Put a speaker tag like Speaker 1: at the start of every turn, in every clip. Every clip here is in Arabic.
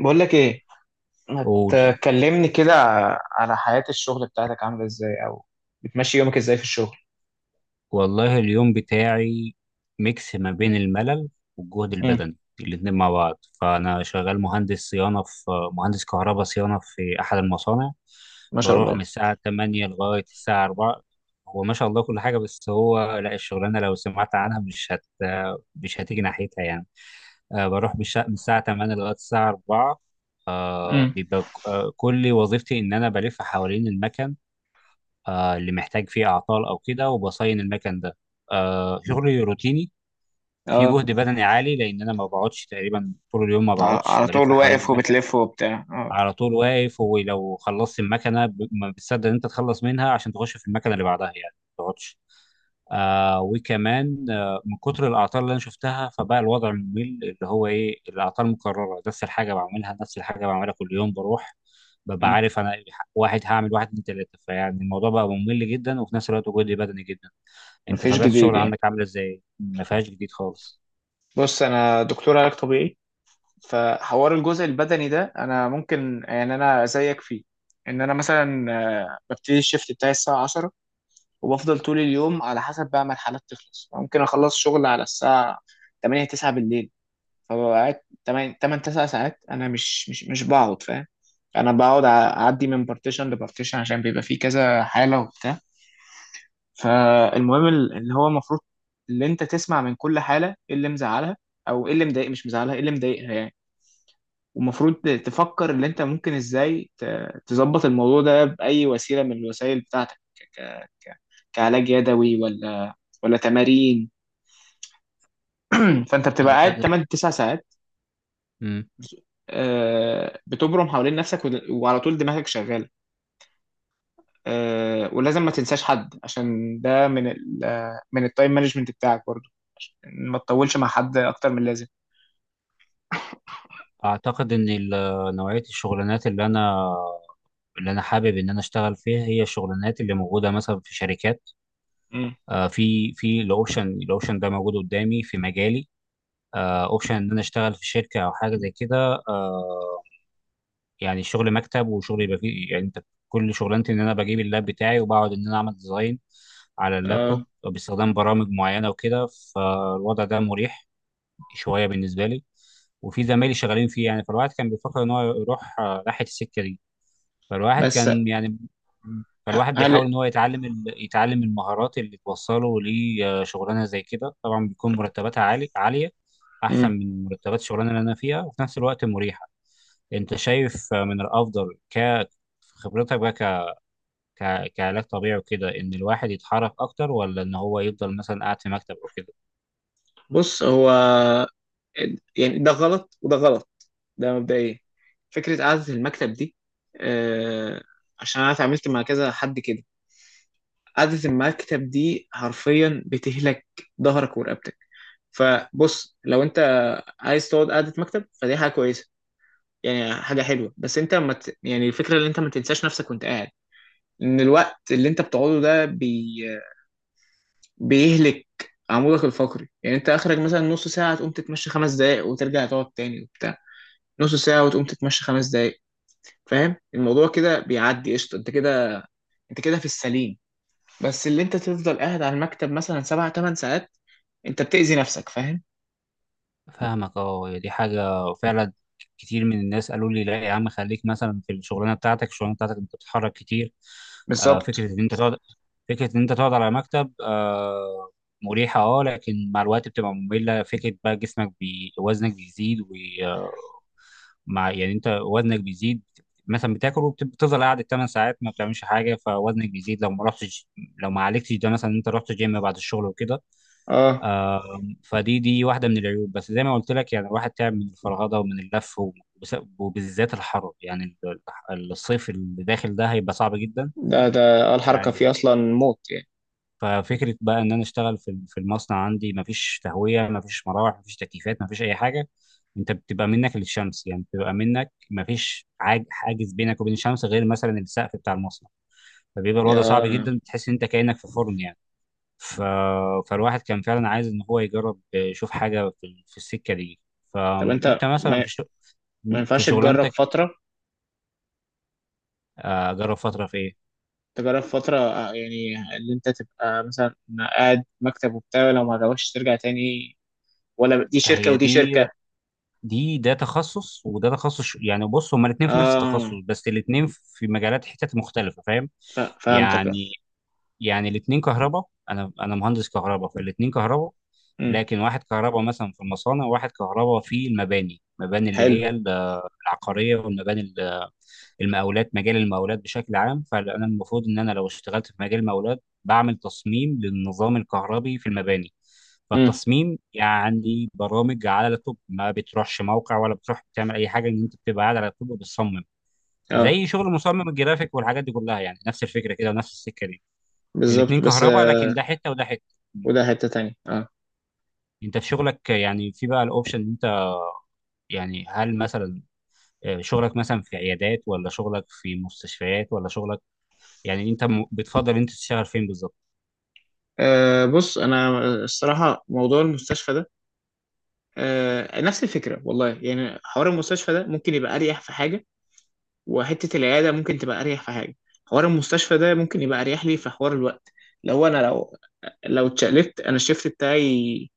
Speaker 1: بقول لك ايه، ما
Speaker 2: قول.
Speaker 1: تكلمني كده. على حياة الشغل بتاعتك عاملة ازاي، او بتمشي يومك ازاي في الشغل؟
Speaker 2: والله اليوم بتاعي ميكس ما بين الملل والجهد
Speaker 1: امم.
Speaker 2: البدني الاتنين مع بعض. فأنا شغال مهندس صيانة في مهندس كهرباء صيانة في أحد المصانع،
Speaker 1: ما شاء
Speaker 2: بروح من
Speaker 1: الله.
Speaker 2: الساعة 8 لغاية الساعة 4. هو ما شاء الله كل حاجة، بس هو لا، الشغلانة لو سمعت عنها مش هتيجي ناحيتها، يعني. بروح من الساعة 8 لغاية الساعة 4. آه
Speaker 1: امم.
Speaker 2: بيبقى ك- آه، كل وظيفتي إن أنا بلف حوالين المكن اللي محتاج فيه اعطال او كده، وبصين المكن ده. شغلي روتيني، في
Speaker 1: اه.
Speaker 2: جهد بدني عالي لان انا ما بقعدش تقريبا طول اليوم، ما
Speaker 1: على
Speaker 2: بقعدش،
Speaker 1: على
Speaker 2: بلف
Speaker 1: طول
Speaker 2: حوالين
Speaker 1: واقف
Speaker 2: المكن،
Speaker 1: وبتلف وبتاع. اه.
Speaker 2: على طول واقف. ولو خلصت ما بتصدق ان انت تخلص منها عشان تخش في المكنه اللي بعدها، يعني ما تقعدش. آه وكمان آه من كتر الاعطال اللي انا شفتها، فبقى الوضع ممل، اللي هو ايه، الاعطال مكرره، نفس الحاجه بعملها، نفس الحاجه بعملها كل يوم. بروح ببقى
Speaker 1: مم.
Speaker 2: عارف انا واحد هعمل، واحد اتنين تلاته، فيعني الموضوع بقى ممل جدا، وفي نفس الوقت جهدي بدني جدا. انت
Speaker 1: مفيش
Speaker 2: طبيعه
Speaker 1: جديد
Speaker 2: الشغل
Speaker 1: يعني؟
Speaker 2: عندك عامله ازاي؟ ما فيهاش جديد خالص.
Speaker 1: بص، انا دكتور علاج طبيعي. فحوار الجزء البدني ده انا ممكن يعني انا زيك فيه. ان انا مثلا، ببتدي الشيفت بتاعي الساعة 10، وبفضل طول اليوم على حسب بقى ما الحالات تخلص. ممكن اخلص شغل على الساعة 8 9 بالليل. فببقى قاعد تمن تسع ساعات. انا مش بقعد، فاهم؟ انا بقعد اعدي من بارتيشن لبارتيشن، عشان بيبقى فيه كذا حاله وبتاع. فالمهم اللي هو المفروض اللي انت تسمع من كل حاله ايه اللي مزعلها، او ايه اللي مضايق مش مزعلها، ايه اللي مضايقها يعني. ومفروض تفكر اللي انت ممكن ازاي تظبط الموضوع ده باي وسيله من الوسائل بتاعتك، كعلاج يدوي ولا تمارين. فانت بتبقى
Speaker 2: انا
Speaker 1: قاعد
Speaker 2: انا
Speaker 1: 8 9 ساعات،
Speaker 2: مم.
Speaker 1: بتبرم حوالين نفسك وعلى طول دماغك شغاله. ولازم ما تنساش حد، عشان ده من ال من التايم مانجمنت بتاعك برضو، إن ما تطولش مع حد اكتر من اللازم.
Speaker 2: اعتقد ان نوعيه الشغلانات اللي انا حابب ان انا اشتغل فيها، هي الشغلانات اللي موجوده مثلا في شركات.
Speaker 1: مم.
Speaker 2: في الاوبشن ده موجود قدامي في مجالي. اوبشن ان انا اشتغل في شركه او حاجه زي كده، يعني شغل مكتب، وشغل يبقى فيه، يعني انت كل شغلانتي ان انا بجيب اللاب بتاعي وبقعد ان انا اعمل ديزاين على
Speaker 1: اه.
Speaker 2: اللابتوب باستخدام برامج معينه وكده. فالوضع ده مريح شويه بالنسبه لي، وفي زمايلي شغالين فيه، يعني فالواحد كان بيفكر ان هو يروح ناحيه السكه دي. فالواحد
Speaker 1: بس
Speaker 2: كان، يعني فالواحد
Speaker 1: هل
Speaker 2: بيحاول ان هو يتعلم يتعلم المهارات اللي توصله لشغلانه زي كده. طبعا بيكون مرتباتها عاليه،
Speaker 1: مم.
Speaker 2: احسن من مرتبات الشغلانه اللي انا فيها، وفي نفس الوقت مريحه. انت شايف من الافضل في خبرتك بقى ك... ك- كعلاج طبيعي وكده، ان الواحد يتحرك اكتر ولا ان هو يفضل مثلا قاعد في مكتب او كده؟
Speaker 1: بص هو، يعني ده غلط وده غلط. ده مبدئيا فكره قعده المكتب دي، آه، عشان انا اتعاملت مع كذا حد كده. قعده المكتب دي حرفيا بتهلك ظهرك ورقبتك. فبص، لو انت عايز تقعد قعده مكتب فدي حاجه كويسه، يعني حاجه حلوه. بس انت ما ت... يعني الفكره ان انت ما تنساش نفسك وانت قاعد، ان الوقت اللي انت بتقعده ده بيهلك عمودك الفقري. يعني انت اخرك مثلا نص ساعه تقوم تتمشى خمس دقائق وترجع تقعد تاني وبتاع، نص ساعه وتقوم تتمشى خمس دقائق. فاهم الموضوع كده بيعدي قشطه. انت كده في السليم. بس اللي انت تفضل قاعد على المكتب مثلا سبع ثمان ساعات، انت بتأذي نفسك، فاهم؟
Speaker 2: فاهمك اه. دي حاجة فعلا، كتير من الناس قالوا لي، لا يا عم خليك مثلا في الشغلانة بتاعتك انت بتتحرك كتير. آه
Speaker 1: بالظبط.
Speaker 2: فكرة ان انت تقعد فكرة ان انت تقعد على مكتب، آه مريحة اه، لكن مع الوقت بتبقى مملة. فكرة بقى جسمك وزنك بيزيد، مع، يعني انت وزنك بيزيد، مثلا بتاكل وبتفضل قاعد 8 ساعات ما بتعملش حاجه، فوزنك بيزيد لو ما رحتش، لو ما عالجتش ده، مثلا انت رحت جيم بعد الشغل وكده.
Speaker 1: اه.
Speaker 2: فدي واحده من العيوب. بس زي ما قلت لك، يعني الواحد تعب من الفرهده ومن اللف، وبالذات الحر يعني، الصيف اللي داخل ده هيبقى صعب جدا
Speaker 1: ده ده الحركة فيه
Speaker 2: يعني.
Speaker 1: أصلا موت يعني.
Speaker 2: ففكره بقى ان انا اشتغل في المصنع، عندي مفيش تهويه، مفيش مراوح، مفيش تكييفات، مفيش اي حاجه. انت بتبقى منك للشمس، يعني بتبقى منك مفيش حاجز بينك وبين الشمس غير مثلا السقف بتاع المصنع. فبيبقى الوضع صعب
Speaker 1: يا
Speaker 2: جدا، بتحس ان انت كانك في فرن يعني. ف... فالواحد كان فعلا عايز ان هو يجرب يشوف حاجه في السكه دي.
Speaker 1: طب أنت
Speaker 2: فانت مثلا في الشغل،
Speaker 1: ما
Speaker 2: في
Speaker 1: ينفعش تجرب
Speaker 2: شغلانتك،
Speaker 1: فترة؟
Speaker 2: جرب فترة في ايه؟
Speaker 1: يعني اللي أنت تبقى مثلا قاعد مكتب وبتاع، لو ما عجبكش ترجع تاني. ولا دي شركة
Speaker 2: هي
Speaker 1: ودي
Speaker 2: دي،
Speaker 1: شركة.
Speaker 2: ده تخصص وده تخصص يعني بص، هما الاثنين في نفس التخصص،
Speaker 1: آه.
Speaker 2: بس الاثنين في مجالات حتت مختلفة، فاهم.
Speaker 1: فهمتك، آه.
Speaker 2: يعني الاثنين كهرباء، انا مهندس كهرباء، فالاثنين كهرباء.
Speaker 1: أمم.
Speaker 2: لكن واحد كهرباء مثلا في المصانع، وواحد كهرباء في المباني اللي
Speaker 1: حلو.
Speaker 2: هي العقاريه، والمباني المقاولات، مجال المقاولات بشكل عام. فانا المفروض ان انا لو اشتغلت في مجال المقاولات بعمل تصميم للنظام الكهربي في المباني،
Speaker 1: أمم.
Speaker 2: فالتصميم يعني برامج على لابتوب، ما بتروحش موقع ولا بتروح بتعمل اي حاجه، ان انت بتبقى قاعد على لابتوب وبتصمم،
Speaker 1: آه.
Speaker 2: زي شغل مصمم الجرافيك والحاجات دي كلها، يعني نفس الفكره كده ونفس السكه دي. الاتنين
Speaker 1: بالظبط، بس
Speaker 2: كهرباء لكن ده حته وده حته.
Speaker 1: وده حتة تانية، آه.
Speaker 2: انت في شغلك يعني، في بقى الاوبشن ان انت، يعني هل مثلا شغلك مثلا في عيادات ولا شغلك في مستشفيات ولا شغلك، يعني انت بتفضل انت تشتغل فين بالظبط؟
Speaker 1: بص، انا الصراحه موضوع المستشفى ده نفس الفكره والله. يعني حوار المستشفى ده ممكن يبقى اريح في حاجه، وحتة العيادة ممكن تبقى أريح في حاجة. حوار المستشفى ده ممكن يبقى أريح لي في حوار الوقت. لو لو اتشقلبت أنا الشيفت بتاعي،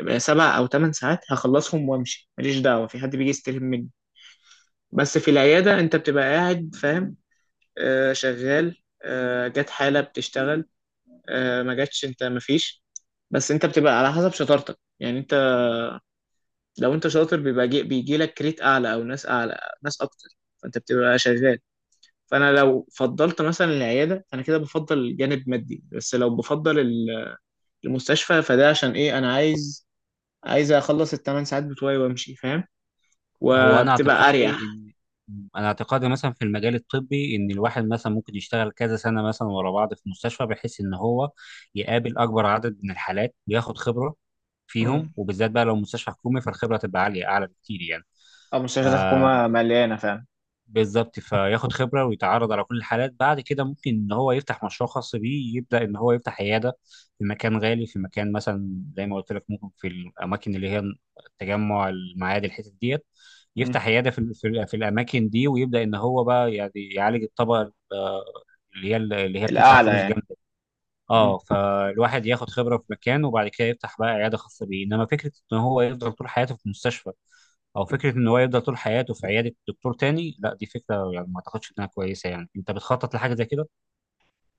Speaker 1: بقى سبع أو تمن ساعات هخلصهم وأمشي، ماليش دعوة، في حد بيجي يستلم مني. بس في العيادة أنت بتبقى قاعد، فاهم؟ آه، شغال. آه، جت حالة بتشتغل، آه، ما جاتش أنت مفيش. بس أنت بتبقى على حسب شطارتك. يعني أنت لو أنت شاطر بيبقى بيجي لك كريت أعلى، أو ناس أعلى، ناس أكتر، فأنت بتبقى شغال. فانا لو فضلت مثلا العياده، فانا كده بفضل جانب مادي. بس لو بفضل المستشفى، فده عشان ايه؟ انا عايز، اخلص الثمان ساعات بتوعي وامشي، فاهم؟
Speaker 2: هو انا
Speaker 1: وبتبقى
Speaker 2: اعتقادي
Speaker 1: اريح.
Speaker 2: ان انا اعتقادي مثلا في المجال الطبي، ان الواحد مثلا ممكن يشتغل كذا سنه مثلا ورا بعض في مستشفى، بحيث ان هو يقابل اكبر عدد من الحالات وياخد خبره
Speaker 1: امم.
Speaker 2: فيهم، وبالذات بقى لو مستشفى حكومي فالخبره تبقى عاليه، اعلى بكتير يعني.
Speaker 1: اه، مستشفيات
Speaker 2: آه،
Speaker 1: الحكومة مليانة فعلا.
Speaker 2: بالظبط، فياخد خبرة ويتعرض على كل الحالات. بعد كده ممكن ان هو يفتح مشروع خاص بيه، يبدأ ان هو يفتح عيادة في مكان غالي، في مكان مثلا زي ما قلت لك، ممكن في الاماكن اللي هي التجمع، المعادي، الحتت ديت.
Speaker 1: امم.
Speaker 2: يفتح عيادة في الاماكن دي، ويبدأ ان هو بقى يعني يعالج الطبقة اللي هي بتدفع
Speaker 1: الأعلى
Speaker 2: فلوس
Speaker 1: يعني.
Speaker 2: جامدة.
Speaker 1: امم.
Speaker 2: اه، فالواحد ياخد خبرة في مكان وبعد كده يفتح بقى عيادة خاصة بيه، انما فكرة ان هو يفضل طول حياته في مستشفى، او فكرة ان هو يفضل طول حياته في عيادة دكتور تاني، لا، دي فكرة يعني ما اعتقدش انها كويسة. يعني انت بتخطط لحاجة زي كده،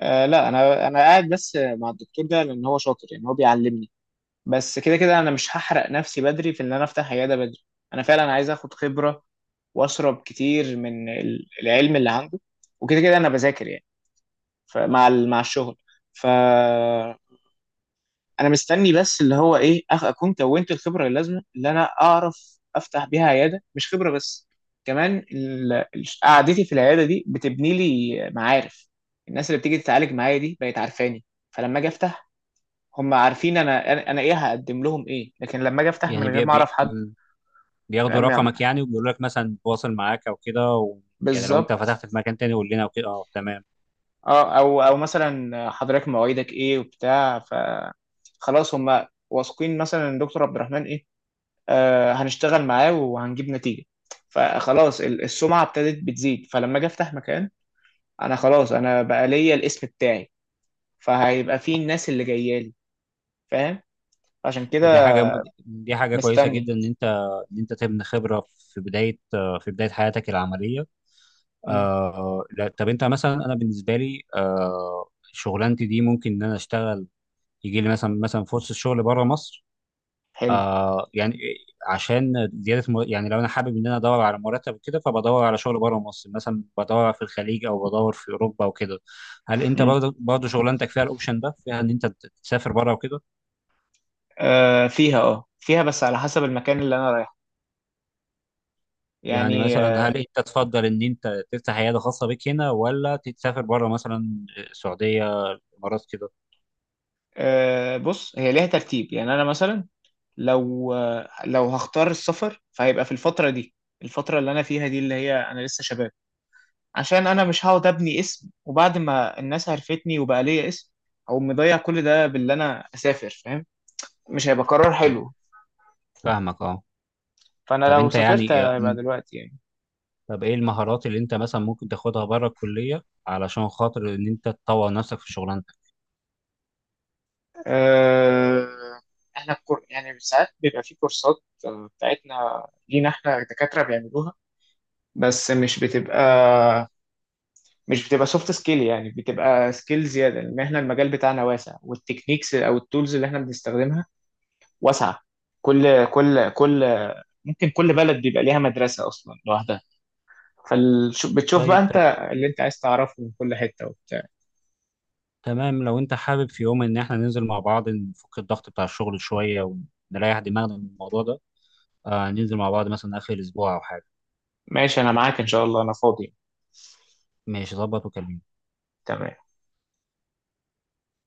Speaker 1: آه، لا. انا قاعد بس مع الدكتور ده لان هو شاطر، يعني هو بيعلمني. بس كده كده انا مش هحرق نفسي بدري في ان انا افتح عياده بدري. انا فعلا عايز اخد خبره، واشرب كتير من العلم اللي عنده. وكده كده انا بذاكر يعني، فمع مع الشغل. فانا مستني بس اللي هو ايه، اكون كونت الخبره اللازمه اللي انا اعرف افتح بيها عياده. مش خبره بس، كمان قعدتي في العياده دي بتبني لي معارف. الناس اللي بتيجي تتعالج معايا دي بقت عارفاني، فلما اجي افتح هم عارفين انا انا أنا ايه هقدم لهم ايه. لكن لما اجي افتح من
Speaker 2: يعني
Speaker 1: غير ما اعرف حد،
Speaker 2: بياخدوا
Speaker 1: أم-
Speaker 2: رقمك يعني، وبيقولوا لك مثلا تواصل معاك او كده، يعني لو انت
Speaker 1: بالظبط.
Speaker 2: فتحت في مكان تاني قول لنا وكده؟ اه، تمام.
Speaker 1: اه. او مثلا حضرتك مواعيدك ايه وبتاع. ف خلاص هم واثقين مثلا ان دكتور عبد الرحمن ايه، هنشتغل معاه وهنجيب نتيجة. فخلاص السمعة ابتدت بتزيد، فلما اجي افتح مكان انا خلاص، انا بقى ليا الاسم بتاعي، فهيبقى فيه الناس اللي جايه لي، فاهم؟ عشان كده
Speaker 2: دي حاجة دي حاجة كويسة
Speaker 1: مستني.
Speaker 2: جدا ان انت، ان انت تبني خبرة في بداية حياتك العملية.
Speaker 1: مم.
Speaker 2: لا، طب انت مثلا، انا بالنسبه لي شغلانتي دي ممكن ان انا اشتغل، يجي لي مثلا فرصه شغل بره مصر،
Speaker 1: حلو.
Speaker 2: آه يعني عشان زياده يعني لو انا حابب ان انا ادور على مرتب كده، فبدور على شغل بره مصر، مثلا بدور في الخليج او بدور في اوروبا وكده. هل انت
Speaker 1: مم.
Speaker 2: برضه شغلانتك فيها الاوبشن ده، فيها ان انت تسافر بره وكده؟
Speaker 1: آه، فيها. اه، فيها بس على حسب المكان اللي انا رايحه
Speaker 2: يعني
Speaker 1: يعني.
Speaker 2: مثلا، هل انت تفضل ان انت تفتح عياده خاصه بيك هنا، ولا تسافر بره مثلا، السعوديه، الامارات، كده؟
Speaker 1: آه، بص هي ليها ترتيب. يعني انا مثلا لو لو هختار السفر فهيبقى في الفترة دي، الفترة اللي انا فيها دي اللي هي انا لسه شباب. عشان انا مش هقعد ابني اسم، وبعد ما الناس عرفتني وبقى ليا اسم، او مضيع كل ده باللي انا اسافر، فاهم؟ مش هيبقى قرار حلو.
Speaker 2: فاهمك اه.
Speaker 1: فانا
Speaker 2: طب
Speaker 1: لو
Speaker 2: انت يعني
Speaker 1: سافرت هيبقى دلوقتي يعني.
Speaker 2: طب ايه المهارات اللي انت مثلا ممكن تاخدها بره الكلية علشان خاطر ان انت تطور نفسك في شغلانتك؟
Speaker 1: أه... احنا يعني ساعات بيبقى في كورسات بتاعتنا، لينا احنا دكاترة بيعملوها. بس مش بتبقى، سوفت سكيل، يعني بتبقى سكيل زيادة، لان احنا المجال بتاعنا واسع، والتكنيكس او التولز اللي احنا بنستخدمها واسعه. كل ممكن كل بلد بيبقى ليها مدرسه اصلا لوحدها. فبتشوف بقى
Speaker 2: طيب
Speaker 1: انت اللي
Speaker 2: تمام.
Speaker 1: انت عايز تعرفه من كل حته وبتاع.
Speaker 2: تمام، لو انت حابب في يوم ان احنا ننزل مع بعض، نفك الضغط بتاع الشغل شوية، ونريح دماغنا من الموضوع ده، ننزل مع بعض مثلا اخر الاسبوع او حاجة.
Speaker 1: ماشي، انا معاك ان شاء الله، انا فاضي.
Speaker 2: ماشي، ظبط وكلمني.
Speaker 1: تمام.